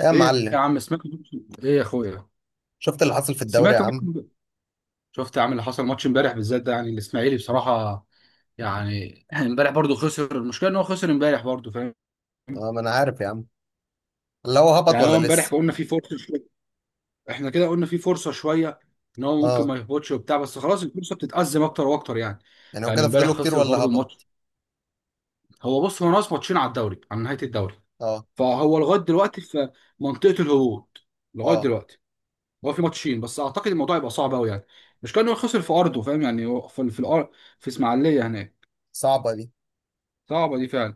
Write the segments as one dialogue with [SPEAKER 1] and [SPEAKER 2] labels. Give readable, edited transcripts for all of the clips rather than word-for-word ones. [SPEAKER 1] يا
[SPEAKER 2] ايه يا
[SPEAKER 1] معلم،
[SPEAKER 2] عم، سمعت؟ ايه يا اخويا.
[SPEAKER 1] شفت اللي حصل في الدوري يا
[SPEAKER 2] سمعت.
[SPEAKER 1] عم؟
[SPEAKER 2] شفت يا عم اللي حصل ماتش امبارح؟ بالذات ده يعني الاسماعيلي بصراحه، يعني امبارح برضو خسر. المشكله ان هو خسر امبارح برضو، فاهم؟
[SPEAKER 1] اه، ما انا عارف يا عم. اللي هو هبط
[SPEAKER 2] يعني
[SPEAKER 1] ولا
[SPEAKER 2] هو امبارح
[SPEAKER 1] لسه؟
[SPEAKER 2] قلنا في فرصه شويه، احنا كده قلنا في فرصه شويه ان هو ممكن
[SPEAKER 1] اه،
[SPEAKER 2] ما يهبطش وبتاع، بس خلاص الفرصه بتتأزم اكتر واكتر يعني.
[SPEAKER 1] يعني هو
[SPEAKER 2] يعني
[SPEAKER 1] كده
[SPEAKER 2] امبارح
[SPEAKER 1] فاضله كتير
[SPEAKER 2] خسر
[SPEAKER 1] ولا
[SPEAKER 2] برضو الماتش.
[SPEAKER 1] هبط؟
[SPEAKER 2] هو بص، هو ناقص ماتشين على الدوري، على نهايه الدوري.
[SPEAKER 1] اه،
[SPEAKER 2] فهو لغايه دلوقتي في منطقه الهبوط لغايه
[SPEAKER 1] اه،
[SPEAKER 2] دلوقتي. هو في ماتشين بس، اعتقد الموضوع يبقى صعب قوي يعني. مش كان هو خسر في ارضه، فاهم يعني؟ هو في الارض، في اسماعيليه هناك.
[SPEAKER 1] صعبة دي.
[SPEAKER 2] صعبه دي فعلا.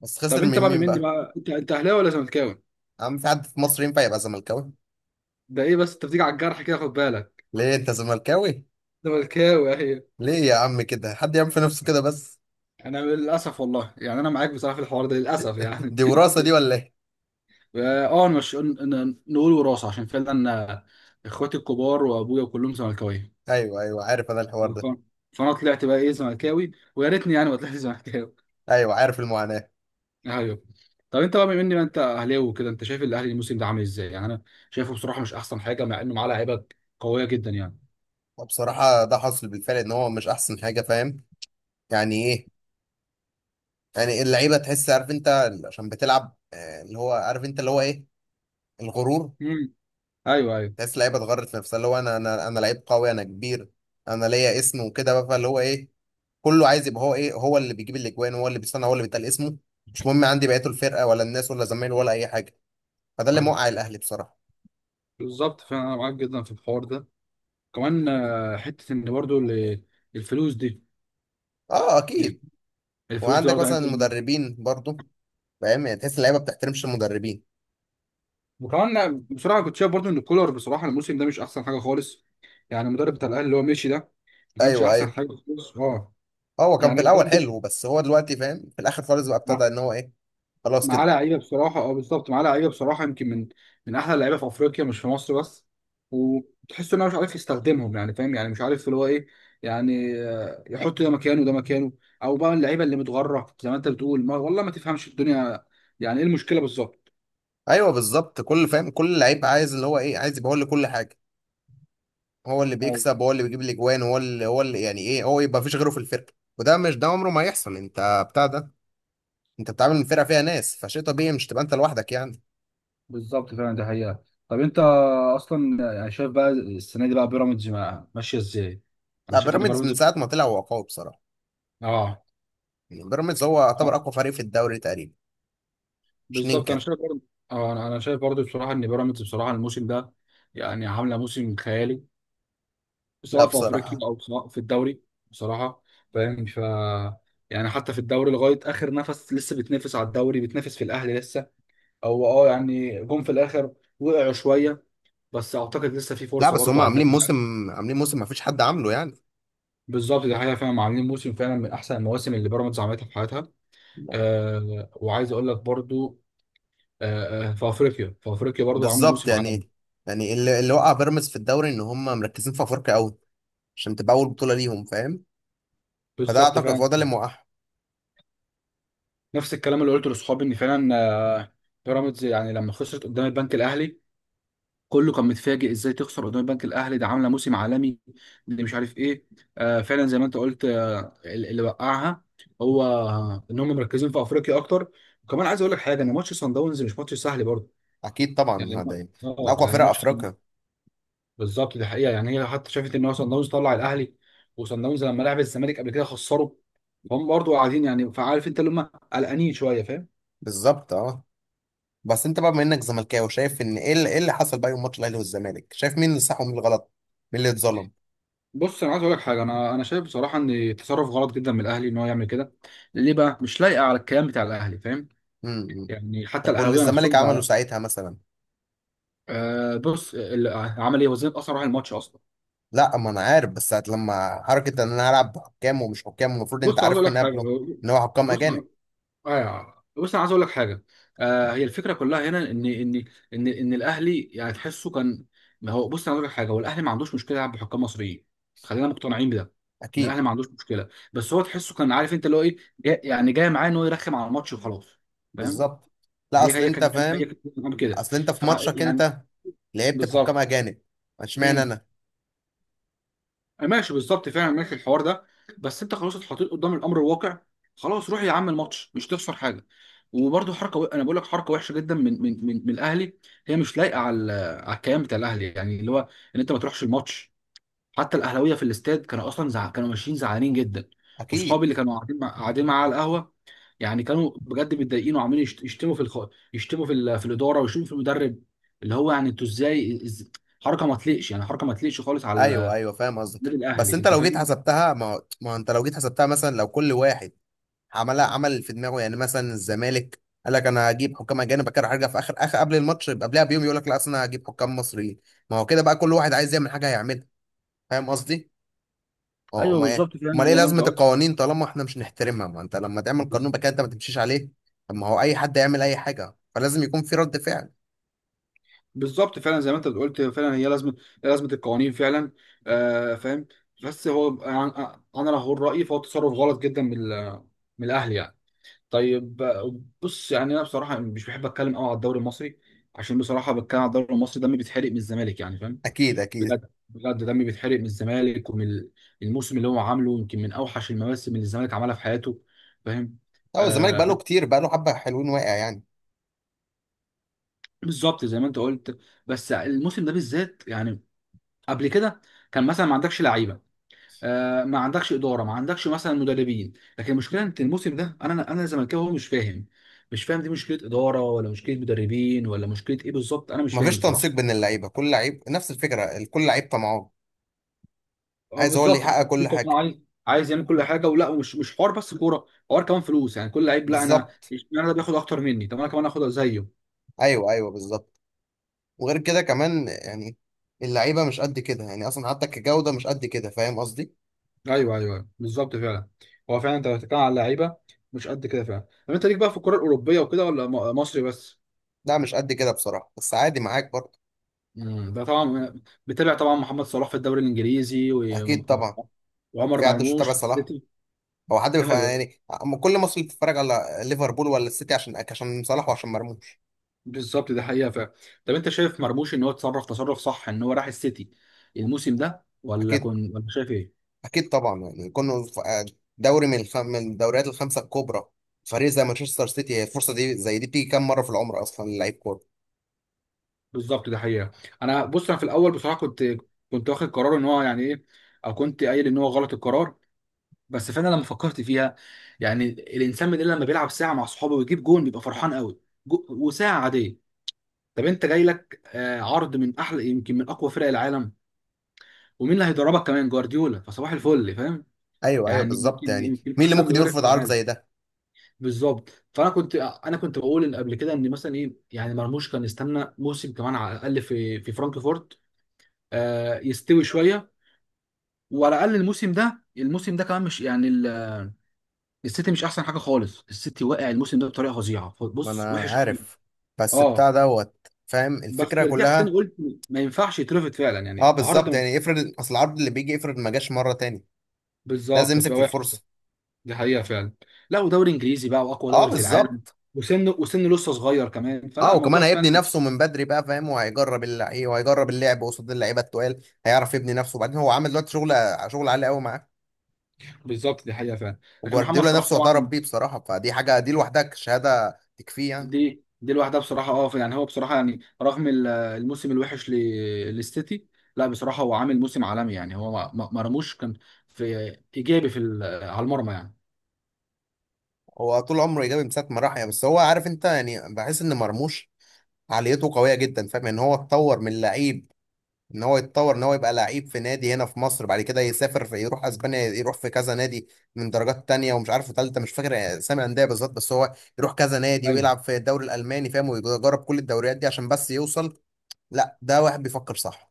[SPEAKER 1] بس
[SPEAKER 2] طب
[SPEAKER 1] خسر
[SPEAKER 2] انت
[SPEAKER 1] من
[SPEAKER 2] بقى
[SPEAKER 1] مين
[SPEAKER 2] مني
[SPEAKER 1] بقى؟
[SPEAKER 2] بقى، انت اهلاوي ولا زملكاوي؟
[SPEAKER 1] يا عم، في حد في مصر ينفع يبقى زملكاوي؟
[SPEAKER 2] ده ايه بس، انت بتيجي على الجرح كده، خد بالك.
[SPEAKER 1] ليه انت زملكاوي؟
[SPEAKER 2] زملكاوي اهي.
[SPEAKER 1] ليه يا عم كده؟ حد يعمل في نفسه كده بس؟
[SPEAKER 2] انا للاسف والله، يعني انا معاك بصراحه في الحوار ده للاسف يعني.
[SPEAKER 1] دي وراثة دي ولا ايه؟
[SPEAKER 2] اه، مش نقول وراثه؟ عشان فعلا اخواتي الكبار وابويا كلهم زملكاويه.
[SPEAKER 1] ايوه، ايوه، عارف انا الحوار ده.
[SPEAKER 2] فانا طلعت بقى ايه، زملكاوي، ويا ريتني يعني ما طلعت زملكاوي.
[SPEAKER 1] ايوه، عارف المعاناة.
[SPEAKER 2] ايوه. طب انت بقى بما ان انت اهلاوي وكده، انت شايف الاهلي الموسم ده عامل ازاي؟ يعني انا شايفه بصراحه مش احسن حاجه، مع انه معاه لعيبه قويه جدا يعني.
[SPEAKER 1] وبصراحة ده حصل بالفعل، ان هو مش احسن حاجة، فاهم؟ يعني ايه. يعني اللعيبة تحس، عارف انت؟ عشان بتلعب، اللي هو عارف انت، اللي هو ايه، الغرور.
[SPEAKER 2] امم ايوه، ايوه.
[SPEAKER 1] تحس لعيبه اتغرت في نفسها، اللي هو انا لعيب قوي، انا كبير، انا ليا اسم وكده بقى، فاللي هو ايه، كله عايز يبقى هو ايه، هو اللي بيجيب الاجوان، هو اللي بيصنع، هو اللي بيتقال اسمه. مش مهم عندي بقيته الفرقه ولا الناس ولا زمايله ولا اي حاجه. فده اللي
[SPEAKER 2] أيوة،
[SPEAKER 1] موقع الاهلي بصراحه.
[SPEAKER 2] بالظبط. فانا معاك جدا في الحوار ده. كمان حته ان برضو الفلوس دي.
[SPEAKER 1] اه،
[SPEAKER 2] الف-
[SPEAKER 1] اكيد.
[SPEAKER 2] الفلوس دي
[SPEAKER 1] وعندك
[SPEAKER 2] برضو
[SPEAKER 1] مثلا
[SPEAKER 2] يعني
[SPEAKER 1] المدربين برضو. فاهم يعني، تحس اللعيبه ما بتحترمش المدربين.
[SPEAKER 2] وكمان أنا بصراحه كنت شايف برضو ان الكولر بصراحه الموسم ده مش احسن حاجه خالص، يعني المدرب بتاع الاهلي اللي هو مشي ده ما كانش
[SPEAKER 1] ايوه،
[SPEAKER 2] احسن
[SPEAKER 1] ايوه،
[SPEAKER 2] حاجه خالص، اه.
[SPEAKER 1] هو كان في
[SPEAKER 2] يعني
[SPEAKER 1] الاول
[SPEAKER 2] بجد
[SPEAKER 1] حلو، بس هو دلوقتي فاهم في الاخر خالص بقى ابتدى ان هو ايه، خلاص
[SPEAKER 2] معاه
[SPEAKER 1] كده.
[SPEAKER 2] لعيبه بصراحه، اه بالظبط، معاه لعيبه بصراحه يمكن من احلى اللعيبه في افريقيا مش في مصر بس. وتحس انه مش عارف يستخدمهم يعني، فاهم يعني؟ مش عارف اللي هو ايه، يعني يحط ده مكانه ده مكانه، او بقى اللعيبه اللي متغره زي ما انت بتقول، ما والله ما تفهمش الدنيا يعني ايه المشكله بالظبط.
[SPEAKER 1] ايوه، بالظبط، كل فاهم، كل لعيب عايز اللي هو ايه، عايز يبقى هو اللي كل حاجه، هو اللي
[SPEAKER 2] أيوة،
[SPEAKER 1] بيكسب، هو اللي بيجيب الاجوان، هو اللي يعني ايه، هو يبقى مفيش غيره في الفرقه. وده مش ده عمره ما هيحصل، انت بتاع ده. انت بتعامل فرقه فيها ناس، فشيء طبيعي مش تبقى انت لوحدك يعني.
[SPEAKER 2] بالظبط فعلا. ده حقيقه. طب انت اصلا يعني شايف بقى السنه دي بقى بيراميدز ماشيه ازاي؟ انا
[SPEAKER 1] لا،
[SPEAKER 2] شايف ان
[SPEAKER 1] بيراميدز من
[SPEAKER 2] بيراميدز،
[SPEAKER 1] ساعه ما طلع هو قوي بصراحه.
[SPEAKER 2] اه.
[SPEAKER 1] يعني بيراميدز هو يعتبر اقوى فريق في الدوري تقريبا. مش
[SPEAKER 2] بالظبط، انا
[SPEAKER 1] ننكر.
[SPEAKER 2] شايف برضه. اه، أنا شايف برضه بصراحه ان بيراميدز بصراحه الموسم ده يعني عامله موسم خيالي،
[SPEAKER 1] لا،
[SPEAKER 2] سواء في افريقيا
[SPEAKER 1] بصراحه.
[SPEAKER 2] او سواء في الدوري. بصراحه، فاهم. ف يعني حتى في الدوري لغايه اخر نفس لسه بتنافس على الدوري، بتنافس في الاهلي لسه. هو اه يعني جم في الاخر، وقعوا شويه، بس اعتقد لسه في
[SPEAKER 1] لا،
[SPEAKER 2] فرصه
[SPEAKER 1] بس هم
[SPEAKER 2] برضه على
[SPEAKER 1] عاملين
[SPEAKER 2] الدوري.
[SPEAKER 1] موسم. عاملين موسم مفيش حد عامله يعني.
[SPEAKER 2] بالظبط، دي حقيقه فعلا. عاملين موسم فعلا من احسن المواسم اللي بيراميدز عملتها في حياتها.
[SPEAKER 1] لا،
[SPEAKER 2] أه، وعايز اقول لك برضه أه، في افريقيا، في افريقيا برضه عامله
[SPEAKER 1] بالظبط
[SPEAKER 2] موسم عالمي.
[SPEAKER 1] يعني. يعني اللي وقع بيراميدز في الدوري ان هم مركزين في افريقيا قوي، عشان تبقى اول بطوله ليهم، فاهم. فده
[SPEAKER 2] بالظبط
[SPEAKER 1] اعتقد
[SPEAKER 2] فعلا.
[SPEAKER 1] هو ده اللي موقعهم.
[SPEAKER 2] نفس الكلام اللي قلته لاصحابي، ان فعلا آه، بيراميدز يعني لما خسرت قدام البنك الاهلي كله كان متفاجئ، ازاي تخسر قدام البنك الاهلي ده؟ عامله موسم عالمي دي، مش عارف ايه. فعلا زي ما انت قلت، اللي وقعها هو ان هم مركزين في افريقيا اكتر. وكمان عايز اقول لك حاجه، ان ماتش سان داونز مش ماتش سهل برضه.
[SPEAKER 1] اكيد طبعا،
[SPEAKER 2] يعني
[SPEAKER 1] هذا يعني، من
[SPEAKER 2] اه
[SPEAKER 1] اقوى
[SPEAKER 2] يعني
[SPEAKER 1] فرق
[SPEAKER 2] ماتش،
[SPEAKER 1] افريقيا.
[SPEAKER 2] بالظبط دي حقيقه. يعني هي حتى شافت ان هو سان داونز طلع الاهلي، وسان داونز لما لعب الزمالك قبل كده خسره. هم برضه قاعدين يعني، فعارف انت اللي هم قلقانين شويه، فاهم.
[SPEAKER 1] بالظبط، اه. بس انت بقى بما انك زملكاوي، شايف ان إيه اللي حصل بقى يوم ماتش الاهلي والزمالك؟ شايف مين اللي صح ومين اللي غلط؟ مين اللي اتظلم؟
[SPEAKER 2] بص، انا عايز اقول لك حاجه، انا شايف بصراحه ان تصرف غلط جدا من الاهلي ان هو يعمل كده. ليه بقى؟ مش لايقه على الكيان بتاع الاهلي، فاهم؟
[SPEAKER 1] امم.
[SPEAKER 2] يعني حتى
[SPEAKER 1] طب واللي
[SPEAKER 2] الاهلاويه
[SPEAKER 1] الزمالك
[SPEAKER 2] نفسهم
[SPEAKER 1] عمله
[SPEAKER 2] زعلان.
[SPEAKER 1] ساعتها مثلا؟
[SPEAKER 2] آه، بص عمل ايه وزين اثر راح الماتش اصلا.
[SPEAKER 1] لا، ما انا عارف، بس ساعة لما حركة ان انا هلعب بحكام ومش حكام، المفروض انت
[SPEAKER 2] بص عايز اقول
[SPEAKER 1] عارف
[SPEAKER 2] لك
[SPEAKER 1] من
[SPEAKER 2] حاجه.
[SPEAKER 1] قبله، ان هو حكام
[SPEAKER 2] بص،
[SPEAKER 1] اجانب.
[SPEAKER 2] ايوه بص، انا عايز اقول لك حاجه. آه، هي الفكره كلها هنا ان ان الاهلي يعني تحسه كان، ما هو بص انا اقول لك حاجه، هو الاهلي ما عندوش مشكله يلعب بحكام مصريين. خلينا مقتنعين بده، ان
[SPEAKER 1] اكيد.
[SPEAKER 2] الاهلي ما عندوش مشكله. بس هو تحسه كان عارف انت اللي هو ايه جاي، يعني جاي معاه ان هو يرخم على الماتش وخلاص، فاهم؟
[SPEAKER 1] بالظبط. لا،
[SPEAKER 2] هي
[SPEAKER 1] اصل
[SPEAKER 2] هي
[SPEAKER 1] انت
[SPEAKER 2] كانت، هي
[SPEAKER 1] فاهم،
[SPEAKER 2] كانت كده.
[SPEAKER 1] اصل انت في
[SPEAKER 2] ف
[SPEAKER 1] ماتشك
[SPEAKER 2] يعني
[SPEAKER 1] انت لعبت بحكام
[SPEAKER 2] بالظبط.
[SPEAKER 1] اجانب، اشمعنى
[SPEAKER 2] مم.
[SPEAKER 1] انا.
[SPEAKER 2] ماشي، بالظبط فاهم، ماشي الحوار ده. بس انت خلاص اتحطيت قدام الامر الواقع، خلاص روح يا عم الماتش، مش تخسر حاجه. وبرده حركه و... انا بقول لك حركه وحشه جدا من الاهلي. هي مش لايقه على على الكيان بتاع الاهلي، يعني اللي هو ان انت ما تروحش الماتش. حتى الاهلاويه في الاستاد كانوا اصلا زع... كانوا ماشيين زعلانين جدا. واصحابي
[SPEAKER 1] اكيد.
[SPEAKER 2] اللي كانوا قاعدين مع... قاعدين معاه على القهوه يعني كانوا بجد متضايقين وعمالين يشتموا في الخ... يشتموا في ال... في الاداره، ويشتموا في المدرب. اللي هو يعني انتوا ازاي إز... حركه ما تليقش يعني، حركه ما تليقش خالص
[SPEAKER 1] ايوه،
[SPEAKER 2] على
[SPEAKER 1] ايوه، فاهم قصدك.
[SPEAKER 2] النادي
[SPEAKER 1] بس
[SPEAKER 2] الاهلي،
[SPEAKER 1] انت
[SPEAKER 2] انت
[SPEAKER 1] لو جيت
[SPEAKER 2] فاهم.
[SPEAKER 1] حسبتها، ما هو انت لو جيت حسبتها، مثلا لو كل واحد عملها عمل في دماغه، يعني مثلا الزمالك قال لك انا هجيب حكام اجانب، بعد كده هرجع في اخر اخر قبل الماتش يبقى قبلها بيوم يقول لك لا، اصل انا هجيب حكام مصريين. ما هو كده بقى، كل واحد عايز يعمل حاجه هيعملها. فاهم قصدي؟ اه،
[SPEAKER 2] ايوه
[SPEAKER 1] امال ايه
[SPEAKER 2] بالظبط
[SPEAKER 1] امال
[SPEAKER 2] فعلا،
[SPEAKER 1] ايه
[SPEAKER 2] زي ما انت
[SPEAKER 1] لازمه
[SPEAKER 2] قلت.
[SPEAKER 1] القوانين طالما احنا مش نحترمها؟ ما انت لما تعمل
[SPEAKER 2] بز-
[SPEAKER 1] قانون بقى كده انت ما تمشيش عليه. طب ما هو اي حد يعمل اي حاجه، فلازم يكون في رد فعل.
[SPEAKER 2] بالظبط فعلا زي ما انت قلت، فعلا هي لازمه، لازمه القوانين فعلا. آه فاهم. بس هو انا، لو هقول رايي فهو تصرف غلط جدا من من الاهلي يعني. طيب بص يعني انا بصراحه مش بحب اتكلم قوي على الدوري المصري، عشان بصراحه بتكلم على الدوري المصري دمي بيتحرق من الزمالك يعني، فاهم.
[SPEAKER 1] اكيد، اكيد.
[SPEAKER 2] بجد بجد دمي بيتحرق من الزمالك ومن الموسم اللي هو عامله، يمكن من اوحش المواسم اللي الزمالك عملها في حياته، فاهم.
[SPEAKER 1] هو الزمالك بقى
[SPEAKER 2] آه،
[SPEAKER 1] له كتير، بقى له حبه حلوين واقع يعني.
[SPEAKER 2] بالظبط زي ما انت قلت. بس الموسم ده بالذات يعني، قبل كده كان مثلا ما عندكش لعيبه، آه ما عندكش اداره، ما عندكش مثلا مدربين. لكن المشكله انت الموسم ده، انا زملكاوي هو مش فاهم، مش فاهم دي مشكله اداره ولا مشكله مدربين ولا مشكله ايه بالظبط، انا مش
[SPEAKER 1] ما
[SPEAKER 2] فاهم
[SPEAKER 1] فيش تنسيق
[SPEAKER 2] بصراحه.
[SPEAKER 1] بين اللعيبه، كل لعيب نفس الفكره، كل لعيب طمعان،
[SPEAKER 2] اه
[SPEAKER 1] عايز هو اللي
[SPEAKER 2] بالظبط،
[SPEAKER 1] يحقق
[SPEAKER 2] كان في
[SPEAKER 1] كل
[SPEAKER 2] طبعاً
[SPEAKER 1] حاجه.
[SPEAKER 2] عايز، عايز يعمل كل حاجه. ولا مش حوار بس كوره، حوار كمان فلوس يعني. كل لعيب لا، انا
[SPEAKER 1] بالظبط.
[SPEAKER 2] اشمعنى ده بياخد اكتر مني؟ طب انا كمان اخد زيه.
[SPEAKER 1] ايوه، ايوه، بالظبط. وغير كده كمان يعني، اللعيبه مش قد كده يعني، اصلا حتى كجوده مش قد كده، فاهم قصدي.
[SPEAKER 2] ايوه ايوه بالظبط فعلا. هو فعلا انت بتتكلم على لعيبه مش قد كده فعلا. طب انت ليك بقى في الكره الاوروبيه وكده ولا مصري بس؟
[SPEAKER 1] لا، مش قد كده بصراحه، بس عادي معاك برضه.
[SPEAKER 2] امم، ده طبعا. بتابع طبعا محمد صلاح في الدوري الانجليزي و
[SPEAKER 1] اكيد طبعا.
[SPEAKER 2] وعمر
[SPEAKER 1] في حد مش
[SPEAKER 2] مرموش
[SPEAKER 1] متابع
[SPEAKER 2] في
[SPEAKER 1] صلاح؟
[SPEAKER 2] السيتي. ايوه
[SPEAKER 1] يعني أما كل مصر بتتفرج على ليفربول ولا السيتي، عشان صلاح وعشان مرموش.
[SPEAKER 2] بالظبط، ده حقيقه فعلا. طب انت شايف مرموش ان هو اتصرف تصرف صح ان هو راح السيتي الموسم ده، ولا
[SPEAKER 1] اكيد.
[SPEAKER 2] كنت ولا شايف ايه؟
[SPEAKER 1] اكيد طبعا، يعني كنا في دوري من الدوريات الخمسه الكبرى. فريق زي مانشستر سيتي، هي الفرصه دي زي دي بتيجي كام مره في العمر اصلا للعيب كوره.
[SPEAKER 2] بالظبط، ده حقيقه. انا بص، انا في الاول بصراحه كنت، كنت واخد قرار ان هو يعني ايه، او كنت قايل ان هو غلط القرار. بس فانا لما فكرت فيها، يعني الانسان من اللي لما بيلعب ساعه مع صحابه ويجيب جون بيبقى فرحان قوي، وساعه عاديه. طب انت جاي لك عرض من احلى يمكن من اقوى فرق العالم، ومين اللي هيدربك كمان؟ جوارديولا، فصباح الفل، فاهم؟
[SPEAKER 1] ايوه، ايوه،
[SPEAKER 2] يعني
[SPEAKER 1] بالظبط،
[SPEAKER 2] يمكن،
[SPEAKER 1] يعني
[SPEAKER 2] يمكن
[SPEAKER 1] مين اللي
[SPEAKER 2] احسن
[SPEAKER 1] ممكن
[SPEAKER 2] مدرب
[SPEAKER 1] يرفض
[SPEAKER 2] في
[SPEAKER 1] عرض
[SPEAKER 2] العالم.
[SPEAKER 1] زي ده؟
[SPEAKER 2] بالظبط. فانا كنت، انا كنت بقول ان قبل كده ان مثلا ايه يعني، مرموش كان يستنى موسم كمان على الاقل في فرانكفورت، يستوي شويه. وعلى الاقل الموسم ده، الموسم ده كمان مش يعني. السيتي مش احسن حاجه خالص، السيتي واقع الموسم ده بطريقه فظيعه.
[SPEAKER 1] ما
[SPEAKER 2] بص،
[SPEAKER 1] انا
[SPEAKER 2] وحش قوي،
[SPEAKER 1] عارف. بس بتاع
[SPEAKER 2] اه.
[SPEAKER 1] دوت، فاهم
[SPEAKER 2] بس
[SPEAKER 1] الفكره
[SPEAKER 2] رجعت تاني
[SPEAKER 1] كلها.
[SPEAKER 2] قلت، ما ينفعش يترفض فعلا
[SPEAKER 1] اه
[SPEAKER 2] يعني عرض
[SPEAKER 1] بالظبط، يعني افرض اصل العرض اللي بيجي، افرض ما جاش مره تاني، لازم
[SPEAKER 2] بالظبط،
[SPEAKER 1] يمسك
[SPEAKER 2] هتبقى
[SPEAKER 1] في
[SPEAKER 2] وحش.
[SPEAKER 1] الفرصه.
[SPEAKER 2] دي حقيقه فعلا. لا، ودوري انجليزي بقى، واقوى
[SPEAKER 1] اه
[SPEAKER 2] دوري في العالم.
[SPEAKER 1] بالظبط.
[SPEAKER 2] وسن لسه صغير كمان، فلا
[SPEAKER 1] اه، وكمان
[SPEAKER 2] الموضوع
[SPEAKER 1] هيبني
[SPEAKER 2] فعلا.
[SPEAKER 1] نفسه من بدري بقى، فاهم، وهيجرب اللعيبه، وهيجرب اللعب قصاد اللعيبه التقال، هيعرف يبني نفسه. وبعدين هو عامل دلوقتي شغل، شغل عالي قوي معاه.
[SPEAKER 2] بالظبط دي حقيقه فعلا. لكن محمد
[SPEAKER 1] وجوارديولا
[SPEAKER 2] صلاح
[SPEAKER 1] نفسه اعترف
[SPEAKER 2] طبعا،
[SPEAKER 1] بيه بصراحه، فدي حاجه دي لوحدها شهاده تكفيه يعني.
[SPEAKER 2] دي لوحدها بصراحه، اه. يعني هو بصراحه، يعني رغم الموسم الوحش للسيتي، لا بصراحه هو عامل موسم عالمي. يعني هو ما ما- ما رموش كان في ايجابي في على المرمى يعني.
[SPEAKER 1] هو طول عمره ايجابي من ساعه ما راح يعني، بس هو عارف انت، يعني بحس ان مرموش عاليته قويه جدا، فاهم. ان هو اتطور من لعيب، ان هو يتطور، ان هو يبقى لعيب في نادي هنا في مصر، بعد كده يسافر، في يروح اسبانيا، يروح في كذا نادي من درجات تانية ومش عارف ثالثه، مش فاكر اسامي انديه بالظبط، بس هو يروح كذا نادي ويلعب في الدوري الالماني، فاهم، ويجرب كل الدوريات دي عشان بس يوصل. لا، ده واحد بيفكر صح.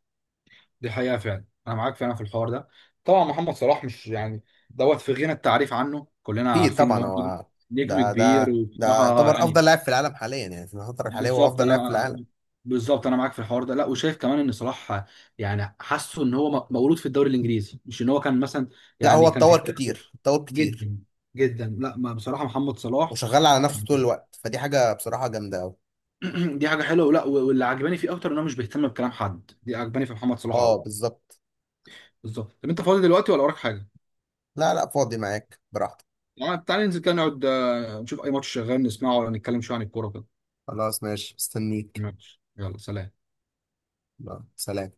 [SPEAKER 2] دي حقيقة فعلا، أنا معاك فعلا في الحوار ده. طبعا محمد صلاح مش يعني، دوت في غنى التعريف عنه، كلنا
[SPEAKER 1] اكيد
[SPEAKER 2] عارفين إن
[SPEAKER 1] طبعا
[SPEAKER 2] هو نجم،
[SPEAKER 1] هو
[SPEAKER 2] نجم
[SPEAKER 1] ده
[SPEAKER 2] كبير
[SPEAKER 1] ده ده
[SPEAKER 2] وبصراحة
[SPEAKER 1] يعتبر
[SPEAKER 2] يعني.
[SPEAKER 1] افضل لاعب في العالم حاليا، يعني في الفتره الحاليه هو
[SPEAKER 2] بالظبط
[SPEAKER 1] افضل لاعب في
[SPEAKER 2] أنا،
[SPEAKER 1] العالم.
[SPEAKER 2] بالظبط أنا معاك في الحوار ده. لا، وشايف كمان إن صلاح يعني حاسه إن هو مولود في الدوري الإنجليزي، مش إن هو كان مثلا
[SPEAKER 1] لا، هو
[SPEAKER 2] يعني كان في
[SPEAKER 1] اتطور
[SPEAKER 2] فرقة.
[SPEAKER 1] كتير، اتطور كتير،
[SPEAKER 2] جدا جدا، لا ما بصراحة محمد صلاح
[SPEAKER 1] وشغال على نفسه
[SPEAKER 2] يعني
[SPEAKER 1] طول الوقت، فدي حاجه بصراحه جامده قوي.
[SPEAKER 2] دي حاجة حلوة. ولا واللي عجباني فيه أكتر إن هو مش بيهتم بكلام حد، دي عجباني في محمد صلاح
[SPEAKER 1] اه
[SPEAKER 2] أوي.
[SPEAKER 1] بالظبط.
[SPEAKER 2] بالظبط. طب أنت فاضي دلوقتي ولا وراك حاجة؟
[SPEAKER 1] لا، لا، فاضي معاك براحتك.
[SPEAKER 2] يعني تعالى ننزل كده نقعد نشوف اي ماتش شغال نسمعه، ولا نتكلم شويه عن الكوره كده.
[SPEAKER 1] خلاص ماشي، مستنيك.
[SPEAKER 2] ماشي، يلا سلام.
[SPEAKER 1] يلا، سلام.